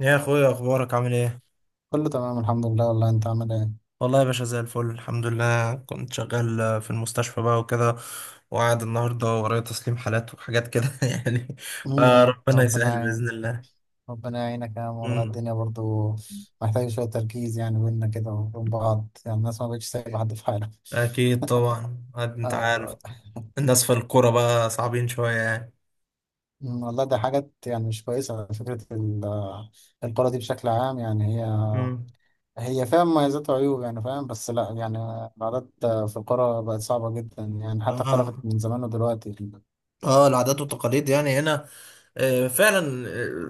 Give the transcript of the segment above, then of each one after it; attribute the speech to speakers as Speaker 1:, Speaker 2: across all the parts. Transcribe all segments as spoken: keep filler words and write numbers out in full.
Speaker 1: يا اخويا، اخبارك عامل ايه؟
Speaker 2: كله تمام الحمد لله. والله انت عامل ايه؟
Speaker 1: والله يا باشا، زي الفل الحمد لله. كنت شغال في المستشفى بقى وكده، وقاعد النهارده ورايا تسليم حالات وحاجات كده يعني.
Speaker 2: امم
Speaker 1: فربنا
Speaker 2: ربنا
Speaker 1: يسهل
Speaker 2: يعين.
Speaker 1: باذن الله.
Speaker 2: ربنا يعينك يا عم، والله
Speaker 1: أمم،
Speaker 2: الدنيا برضو محتاجة شوية تركيز، يعني بينا كده وبين بعض، يعني الناس ما بقتش سايبة حد في حاله.
Speaker 1: اكيد طبعا، عاد انت
Speaker 2: آه.
Speaker 1: عارف،
Speaker 2: ده-
Speaker 1: الناس في الكوره بقى صعبين شويه يعني.
Speaker 2: أمم، والله دي حاجات يعني مش كويسة. فكرة ال- آه، القرى دي بشكل عام، يعني هي
Speaker 1: أمم.
Speaker 2: هي فيها مميزات وعيوب يعني، فاهم؟ بس لا يعني العادات في القرى بقت صعبة جدا، يعني حتى اختلفت
Speaker 1: اه،
Speaker 2: من زمان ودلوقتي.
Speaker 1: اه، العادات والتقاليد يعني هنا. آه، فعلا.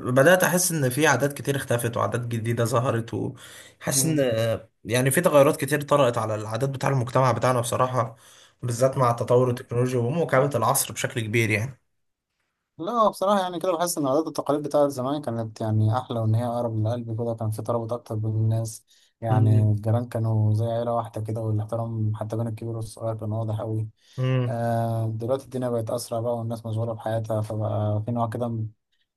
Speaker 1: آه، بدأت أحس إن في عادات كتير اختفت وعادات جديدة ظهرت، وحاسس إن آه، يعني في تغيرات كتير طرأت على العادات بتاع المجتمع بتاعنا بصراحة، بالذات مع تطور
Speaker 2: أمم،
Speaker 1: التكنولوجيا ومواكبة العصر بشكل كبير يعني.
Speaker 2: لا هو بصراحة يعني، كده بحس إن العادات والتقاليد بتاعت زمان كانت يعني أحلى، وإن هي أقرب للقلب كده. كان في ترابط أكتر بين الناس، يعني
Speaker 1: امم.
Speaker 2: الجيران كانوا زي عيلة واحدة كده، والاحترام حتى بين الكبير والصغير كان واضح أوي.
Speaker 1: امم.
Speaker 2: آه دلوقتي الدنيا بقت أسرع بقى، والناس مشغولة بحياتها، فبقى في نوع كده من-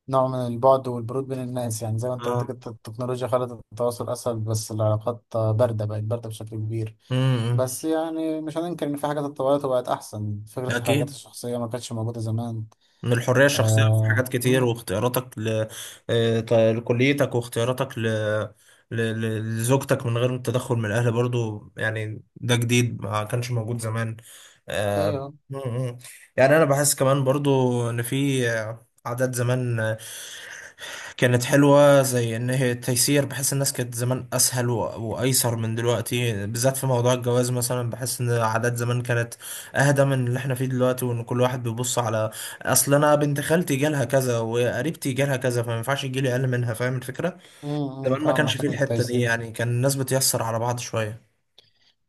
Speaker 2: نوع من البعد والبرود بين الناس، يعني زي ما أنت قلت
Speaker 1: اه.
Speaker 2: كده التكنولوجيا خلت التواصل أسهل، بس العلاقات باردة، بقت باردة بشكل كبير.
Speaker 1: امم.
Speaker 2: بس يعني مش هننكر إن في حاجات اتطورت وبقت أحسن. فكرة الحريات
Speaker 1: أكيد.
Speaker 2: الشخصية ما كانتش موجودة زمان.
Speaker 1: من الحرية الشخصية في حاجات
Speaker 2: آه،
Speaker 1: كتير، واختياراتك ل... آه، ط- لكليتك، واختياراتك ل... ل... ل- لزوجتك من غير التدخل من الأهل برضو، يعني ده جديد ما كانش موجود زمان. آه،
Speaker 2: ايوه.
Speaker 1: م- م. يعني أنا بحس كمان برضو إن في آه، عادات زمان كانت حلوة، زي إن هي تيسير. بحس الناس كانت زمان أسهل و- وأيسر من دلوقتي، بالذات في موضوع الجواز مثلا. بحس إن العادات زمان كانت أهدى من اللي إحنا فيه دلوقتي، وإن كل واحد بيبص على أصل أنا بنت خالتي جالها كذا، وقريبتي جالها كذا، فما ينفعش يجيلي أقل منها. فاهم الفكرة؟
Speaker 2: امم
Speaker 1: زمان ما
Speaker 2: فاهم
Speaker 1: كانش آه. فيه
Speaker 2: حته
Speaker 1: الحتة دي،
Speaker 2: التيسير.
Speaker 1: يعني كان الناس بتيسر على بعض شوية.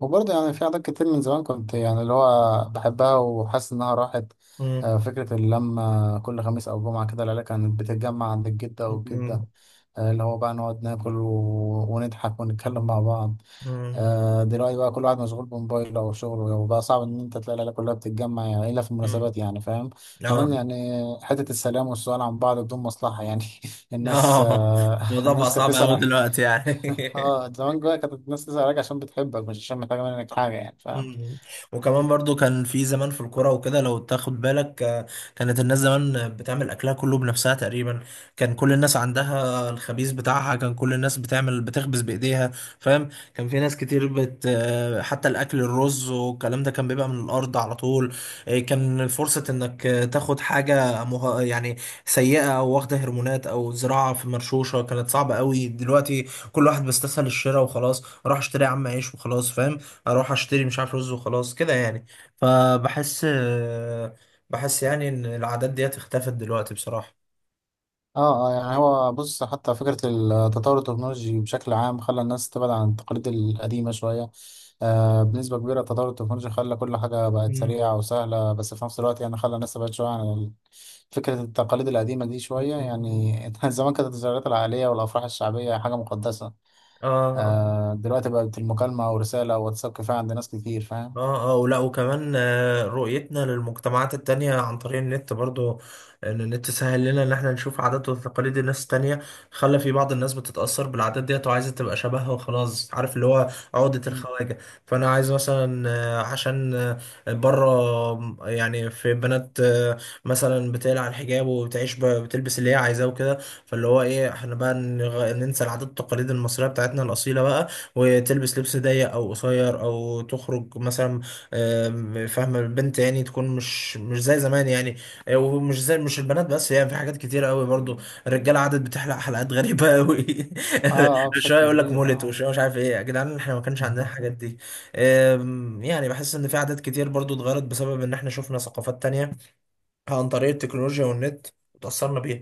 Speaker 2: وبرضه يعني في عادات كتير من زمان كنت يعني اللي هو بحبها وحاسس انها راحت.
Speaker 1: مم.
Speaker 2: آه، فكره اللمه كل خميس او جمعه كده، العيله كانت بتتجمع عند الجده
Speaker 1: مم.
Speaker 2: والجده. آه، اللي هو بقى نقعد ناكل و... ونضحك ونتكلم مع بعض.
Speaker 1: مم.
Speaker 2: آه، دلوقتي بقى كل واحد مشغول بموبايله او شغله، وبقى صعب ان انت تلاقي العيله كلها بتتجمع، يعني الا في
Speaker 1: مم.
Speaker 2: المناسبات، يعني فاهم.
Speaker 1: آه،
Speaker 2: كمان يعني حته السلام والسؤال عن بعض بدون مصلحه يعني. الناس
Speaker 1: آه،
Speaker 2: آه،
Speaker 1: الموضوع بقى
Speaker 2: الناس كانت
Speaker 1: صعب أوي
Speaker 2: تسال.
Speaker 1: دلوقتي يعني
Speaker 2: اه زمان جوايا كانت الناس تزعل عليك عشان بتحبك، مش عشان محتاجة منك حاجة، يعني فاهم.
Speaker 1: مم. وكمان برضو كان في زمان في الكرة وكده، لو تاخد بالك آه، كانت الناس زمان بتعمل أكلها كله بنفسها تقريبا. كان كل الناس عندها الخبيز بتاعها، كان كل الناس بتعمل بتخبز بإيديها، فاهم. كان في ناس كتير بت آه، حتى الأكل، الرز والكلام ده كان بيبقى من الأرض على طول. آه، كان فرصة إنك آه، تاخد حاجة مه... يعني سيئة، أو واخدة هرمونات، أو زراعة في مرشوشة، كانت صعبة قوي دلوقتي. كل واحد بيستسهل الشراء وخلاص. راح اشتري يا عم عيش وخلاص، فاهم. اروح اشتري مش عارف رز وخلاص كده يعني. فبحس بحس يعني ان العادات ديت اختفت دلوقتي بصراحة.
Speaker 2: اه اه، يعني هو بص، حتى فكرة التطور التكنولوجي بشكل عام خلى الناس تبعد عن التقاليد القديمة شوية. آه بنسبة كبيرة التطور التكنولوجي خلى كل حاجة بقت
Speaker 1: مم.
Speaker 2: سريعة وسهلة، بس في نفس الوقت يعني خلى الناس تبعد شوية عن ال- فكرة التقاليد القديمة دي شوية
Speaker 1: مم.
Speaker 2: يعني. زمان كانت الزيارات العائلية والأفراح الشعبية حاجة مقدسة.
Speaker 1: اه،
Speaker 2: آه دلوقتي بقت المكالمة ورسالة وواتساب كفاية عند ناس كتير، فاهم.
Speaker 1: اه، اه، ولا، وكمان آه، رؤيتنا للمجتمعات التانية عن طريق النت برضو. ان النت سهل لنا ان احنا نشوف عادات وتقاليد الناس التانية، خلى في بعض الناس بتتأثر بالعادات ديت وعايزة تبقى شبهها وخلاص. عارف اللي هو عقدة الخواجة. فانا عايز مثلا آه، عشان آه، بره. آم، يعني في بنات آه، مثلا بتقلع الحجاب، وبتعيش ب- بتلبس اللي هي عايزاه وكده. فاللي هو ايه، احنا بقى نغ- ننسى العادات والتقاليد المصرية بتاعتنا الأصيلة بقى، وتلبس لبس ضيق او قصير او تخرج مثلا. آم، فاهمه البنت، يعني تكون مش مش زي زمان يعني. آه، ومش زي مش البنات بس، يعني في حاجات كتيره قوي برضو. الرجاله عادت بتحلق حلقات غريبه قوي
Speaker 2: اه اه،
Speaker 1: شويه
Speaker 2: بشكل
Speaker 1: يقول لك
Speaker 2: كبير،
Speaker 1: مولت،
Speaker 2: اه.
Speaker 1: وشويه مش عارف ايه، يا جدعان احنا ما كانش عندنا الحاجات دي. آم، يعني بحس ان في عادات كتير برضو اتغيرت، بسبب ان احنا شفنا ثقافات تانية عن طريق التكنولوجيا والنت، وتاثرنا بيها.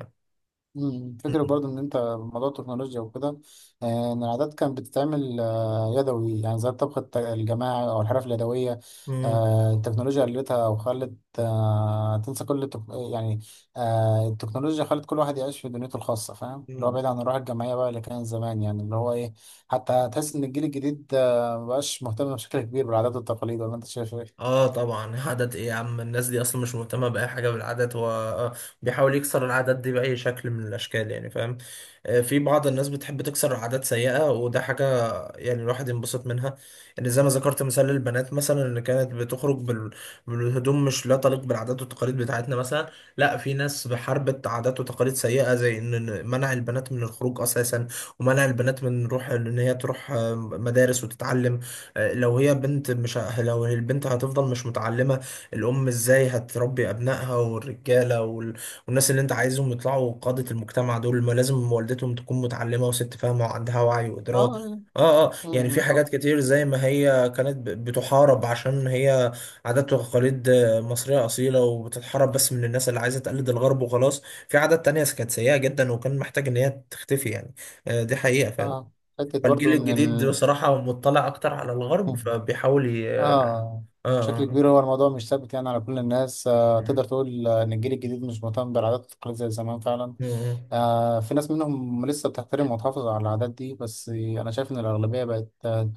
Speaker 2: مم. فكرة برضو إن أنت موضوع التكنولوجيا وكده، آه، إن العادات كانت بتتعمل آه، يدوي، يعني زي الطبخ الت- الجماعي أو الحرف اليدوية.
Speaker 1: مم.
Speaker 2: آه، التكنولوجيا قلتها وخلت آه، تنسى كل التك... يعني آه، التكنولوجيا خلت كل واحد يعيش في دنيته الخاصة، فاهم؟ اللي هو
Speaker 1: مم.
Speaker 2: بعيد عن الروح الجماعية بقى اللي كان زمان، يعني اللي هو إيه؟ حتى تحس إن الجيل الجديد آه، مبقاش مهتم بشكل كبير بالعادات والتقاليد، ولا أنت شايف إيه؟
Speaker 1: اه طبعا، عادات ايه يا عم! الناس دي اصلا مش مهتمه باي حاجه بالعادات. هو آه، بيحاول يكسر العادات دي باي شكل من الاشكال، يعني فاهم. آه، في بعض الناس بتحب تكسر عادات سيئه، وده حاجه يعني الواحد ينبسط منها. يعني زي ما ذكرت مثال للبنات، مثلا اللي كانت بتخرج بال... بالهدوم مش لا تليق بالعادات والتقاليد بتاعتنا مثلا. لا، في ناس بحاربت عادات وتقاليد سيئة، زي ان إن منع البنات من الخروج اساسا، ومنع البنات من روح ان هي تروح آه، مدارس وتتعلم. آه، لو هي بنت مش ه- لو البنت هتفضل مش متعلمة، الام ازاي هتربي ابنائها، والرجالة وال... والناس اللي انت عايزهم يطلعوا قادة المجتمع دول، ما لازم والدتهم تكون متعلمة وست فاهمة وعندها وعي وإدراك.
Speaker 2: آه
Speaker 1: اه، اه،
Speaker 2: آه
Speaker 1: يعني في حاجات
Speaker 2: آه
Speaker 1: كتير زي ما هي كانت ب- بتحارب عشان هي عادات وتقاليد آه، مصرية أصيلة، وبتتحارب بس من الناس اللي عايزة تقلد الغرب وخلاص. في عادات تانية كانت سيئة جدا، وكان محتاج إن هي تختفي يعني. آه، دي حقيقة فعلا.
Speaker 2: آه. حتة برضو
Speaker 1: فالجيل
Speaker 2: إن
Speaker 1: الجديد بصراحة مطلع أكتر على الغرب،
Speaker 2: ال...
Speaker 1: فبيحاول ي... اه
Speaker 2: اه
Speaker 1: اه
Speaker 2: بشكل
Speaker 1: آه.
Speaker 2: كبير، هو الموضوع مش ثابت يعني على كل الناس. آه
Speaker 1: م-
Speaker 2: تقدر تقول آه، ان الجيل الجديد مش مهتم بالعادات والتقاليد زي زمان فعلا.
Speaker 1: م.
Speaker 2: آه في ناس منهم لسه بتحترم وتحافظ على العادات دي، بس انا شايف ان الاغلبيه بقت آه،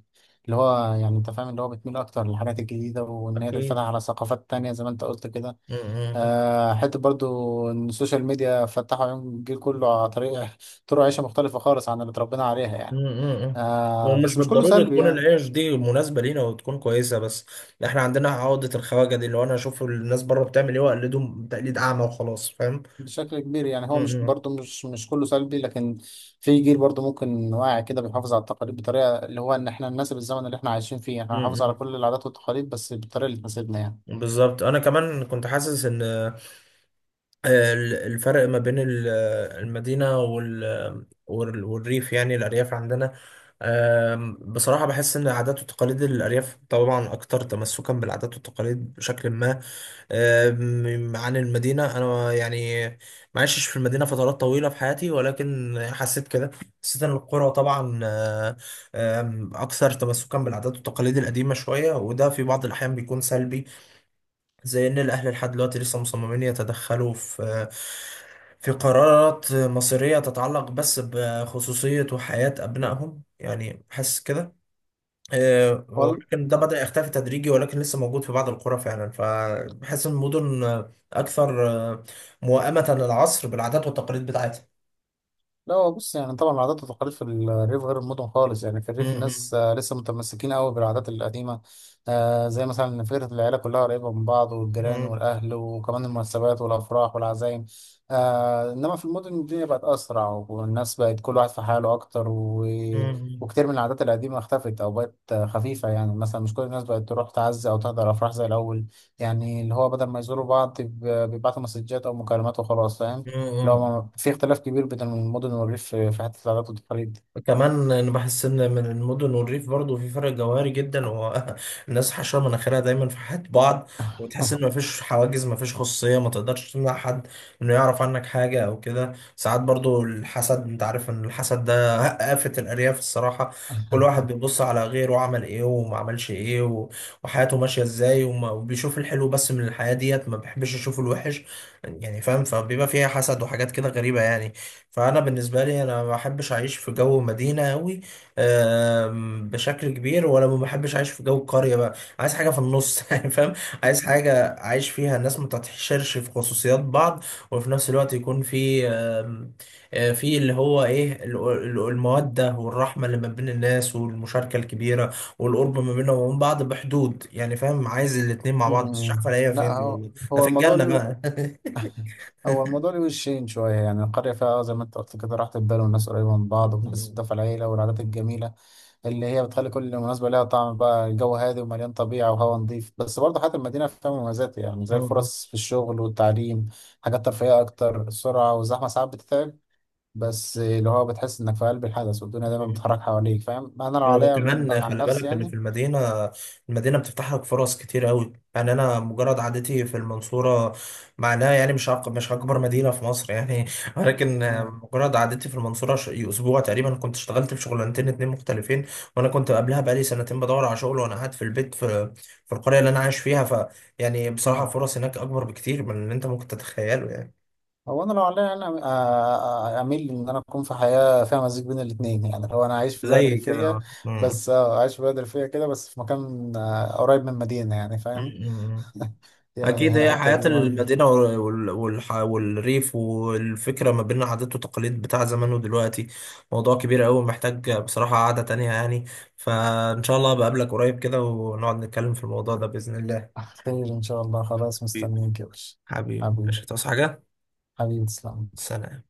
Speaker 2: اللي هو يعني انت فاهم، اللي هو بتميل اكتر للحاجات الجديده وان هي تتفتح
Speaker 1: أكيد.
Speaker 2: على ثقافات تانية زي ما انت قلت كده.
Speaker 1: م- م.
Speaker 2: آه حته برضو ان السوشيال ميديا فتحوا عيون الجيل كله على طريقه، طرق عيشه مختلفه خالص عن اللي اتربينا عليها يعني.
Speaker 1: امم.
Speaker 2: آه
Speaker 1: ومش
Speaker 2: بس مش كله
Speaker 1: بالضرورة
Speaker 2: سلبي
Speaker 1: تكون
Speaker 2: يعني.
Speaker 1: العيش دي مناسبة لينا وتكون كويسة، بس احنا عندنا عقدة الخواجة دي، اللي هو انا اشوف الناس بره بتعمل ايه واقلدهم تقليد اعمى وخلاص، فاهم.
Speaker 2: بشكل كبير يعني، هو مش
Speaker 1: امم.
Speaker 2: برضه مش مش كله سلبي، لكن في جيل برضه ممكن واعي كده بيحافظ على التقاليد بطريقه، اللي هو ان احنا نناسب الزمن اللي احنا عايشين فيه، احنا هنحافظ على
Speaker 1: امم.
Speaker 2: كل العادات والتقاليد بس بالطريقه اللي تناسبنا يعني.
Speaker 1: بالظبط. انا كمان كنت حاسس ان آه، ال- الفرق ما بين ال- آه، المدينة وال- وال- والريف، يعني الارياف عندنا. آم، بصراحة بحس ان عادات وتقاليد الارياف طبعا اكتر تمسكا بالعادات والتقاليد بشكل ما. أم، عن المدينة، أنا يعني ما عشتش في المدينة فترات طويلة في حياتي، ولكن يعني حسيت كده. حسيت إن القرى طبعا آه، آم، أكثر تمسكا بالعادات والتقاليد القديمة شوية، وده في بعض الأحيان بيكون سلبي، زي إن الأهل لحد دلوقتي لسه مصممين يتدخلوا في في قرارات مصيرية تتعلق بس بخصوصية وحياة أبنائهم، يعني حاسس كده. آه،
Speaker 2: وال-
Speaker 1: ولكن ده بدأ يختفي تدريجي، ولكن لسه موجود في بعض القرى فعلا. فبحس إن المدن آه، أكثر آه، موائمة للعصر بالعادات والتقاليد بتاعتها.
Speaker 2: لا هو بص، يعني طبعا العادات والتقاليد في الريف غير المدن خالص، يعني في
Speaker 1: مم.
Speaker 2: الريف
Speaker 1: مم.
Speaker 2: الناس آه، لسه متمسكين قوي بالعادات القديمة. آه، زي مثلا ان فكرة العيلة كلها قريبة من بعض والجيران
Speaker 1: مم.
Speaker 2: والأهل، وكمان المناسبات والأفراح والعزايم. آه، إنما في المدن الدنيا بقت أسرع، والناس بقت كل واحد في حاله أكتر و...
Speaker 1: مم.
Speaker 2: وكتير من العادات القديمة اختفت أو بقت آه، خفيفة. يعني مثلا مش كل الناس بقت تروح تعزي أو تحضر أفراح زي الأول، يعني اللي هو بدل ما يزوروا بعض بيب- بيبعتوا مسجات أو مكالمات وخلاص، فاهم.
Speaker 1: مم.
Speaker 2: لو
Speaker 1: مم.
Speaker 2: ما في اختلاف كبير بين المدن والريف في في حتة العادات والتقاليد دي.
Speaker 1: كمان انا بحس ان من المدن والريف برضه في فرق جوهري جدا، هو الناس حشره مناخيرها دايما في حياه بعض. وتحس ان مفيش حواجز، مفيش خصوصيه، ما تقدرش تمنع حد انه يعرف عنك حاجه او كده. ساعات برضه الحسد، انت عارف ان الحسد ده آفة الارياف الصراحه. كل واحد بيبص على غيره عمل ايه وما عملش ايه و- وحياته ماشيه ازاي، وما- وبيشوف الحلو بس من الحياه ديت، ما بيحبش يشوف الوحش، يعني فاهم. فبيبقى فيها حسد وحاجات كده غريبه يعني. فانا بالنسبه لي انا ما بحبش اعيش في جو مدينه قوي بشكل كبير، ولا ما بحبش اعيش في جو قريه بقى. عايز حاجه في النص يعني فاهم. عايز حاجه اعيش فيها الناس ما تتحشرش في خصوصيات بعض، وفي نفس الوقت يكون في آم، آه، في اللي هو ايه ال- ال- الموده والرحمه اللي ما بين الناس، والمشاركه الكبيره والقرب ما بينهم وبين بعض بحدود، يعني فاهم. عايز الاتنين مع بعض، بس مش
Speaker 2: أمم.
Speaker 1: عارف الاقيها فين
Speaker 2: لا
Speaker 1: دي
Speaker 2: هو
Speaker 1: والله. ده
Speaker 2: هو
Speaker 1: في
Speaker 2: الموضوع
Speaker 1: الجنه
Speaker 2: ليه
Speaker 1: بقى.
Speaker 2: هو الموضوع ليه وشين شوية، يعني القرية فيها آه، زي ما انت قلت كده راحة البال، والناس قريبة من بعض، وبتحس بدفء العيلة والعادات الجميلة اللي هي بتخلي كل مناسبة لها طعم بقى. الجو هادي ومليان طبيعة وهواء نظيف، بس برضه حياة المدينة فيها مميزات، يعني زي الفرص في الشغل والتعليم، حاجات ترفيهية أكتر. السرعة والزحمة ساعات بتتعب، بس اللي هو بتحس إنك في قلب الحدث، والدنيا دايما بتتحرك حواليك، فاهم. أنا لو
Speaker 1: هو
Speaker 2: عليا من-
Speaker 1: كمان
Speaker 2: عن
Speaker 1: خلي
Speaker 2: نفسي
Speaker 1: بالك ان في
Speaker 2: يعني.
Speaker 1: المدينه، المدينه بتفتح لك فرص كتير قوي. يعني انا مجرد عادتي في المنصوره معناها يعني مش أك- مش اكبر مدينه في مصر يعني ولكن
Speaker 2: مم.
Speaker 1: مجرد عادتي في المنصوره ش- اسبوع تقريبا كنت اشتغلت في شغلانتين اتنين مختلفين، وانا كنت قبلها بقالي سنتين بدور على شغل، وانا قاعد في البيت في في القريه اللي انا عايش فيها ف يعني بصراحه
Speaker 2: مم.
Speaker 1: الفرص هناك اكبر بكتير من اللي انت ممكن تتخيله يعني.
Speaker 2: هو انا لو عليا انا آه، آه، اميل ان انا اكون في حياه فيها مزيج بين الاثنين، يعني لو انا عايش في بلد
Speaker 1: زي
Speaker 2: ريفيه،
Speaker 1: كده. مم.
Speaker 2: بس آه، عايش في بلد ريفيه كده بس في مكان آه، قريب من مدينه، يعني فاهم.
Speaker 1: مم. أكيد
Speaker 2: يعني
Speaker 1: هي
Speaker 2: الحته
Speaker 1: حياة
Speaker 2: دي مهم.
Speaker 1: المدينة وال- والح- والريف، والفكرة ما بين عادات وتقاليد بتاع زمان ودلوقتي، موضوع كبير أوي محتاج بصراحة قعدة تانية يعني. فإن شاء الله بقابلك قريب كده، ونقعد نتكلم في الموضوع ده بإذن الله.
Speaker 2: خير ان شاء الله، خلاص
Speaker 1: أكيد.
Speaker 2: مستنيك يا باشا.
Speaker 1: حبيبي،
Speaker 2: حبيبي،
Speaker 1: مش هتعوز حاجة.
Speaker 2: حبيبي تسلم.
Speaker 1: سلام.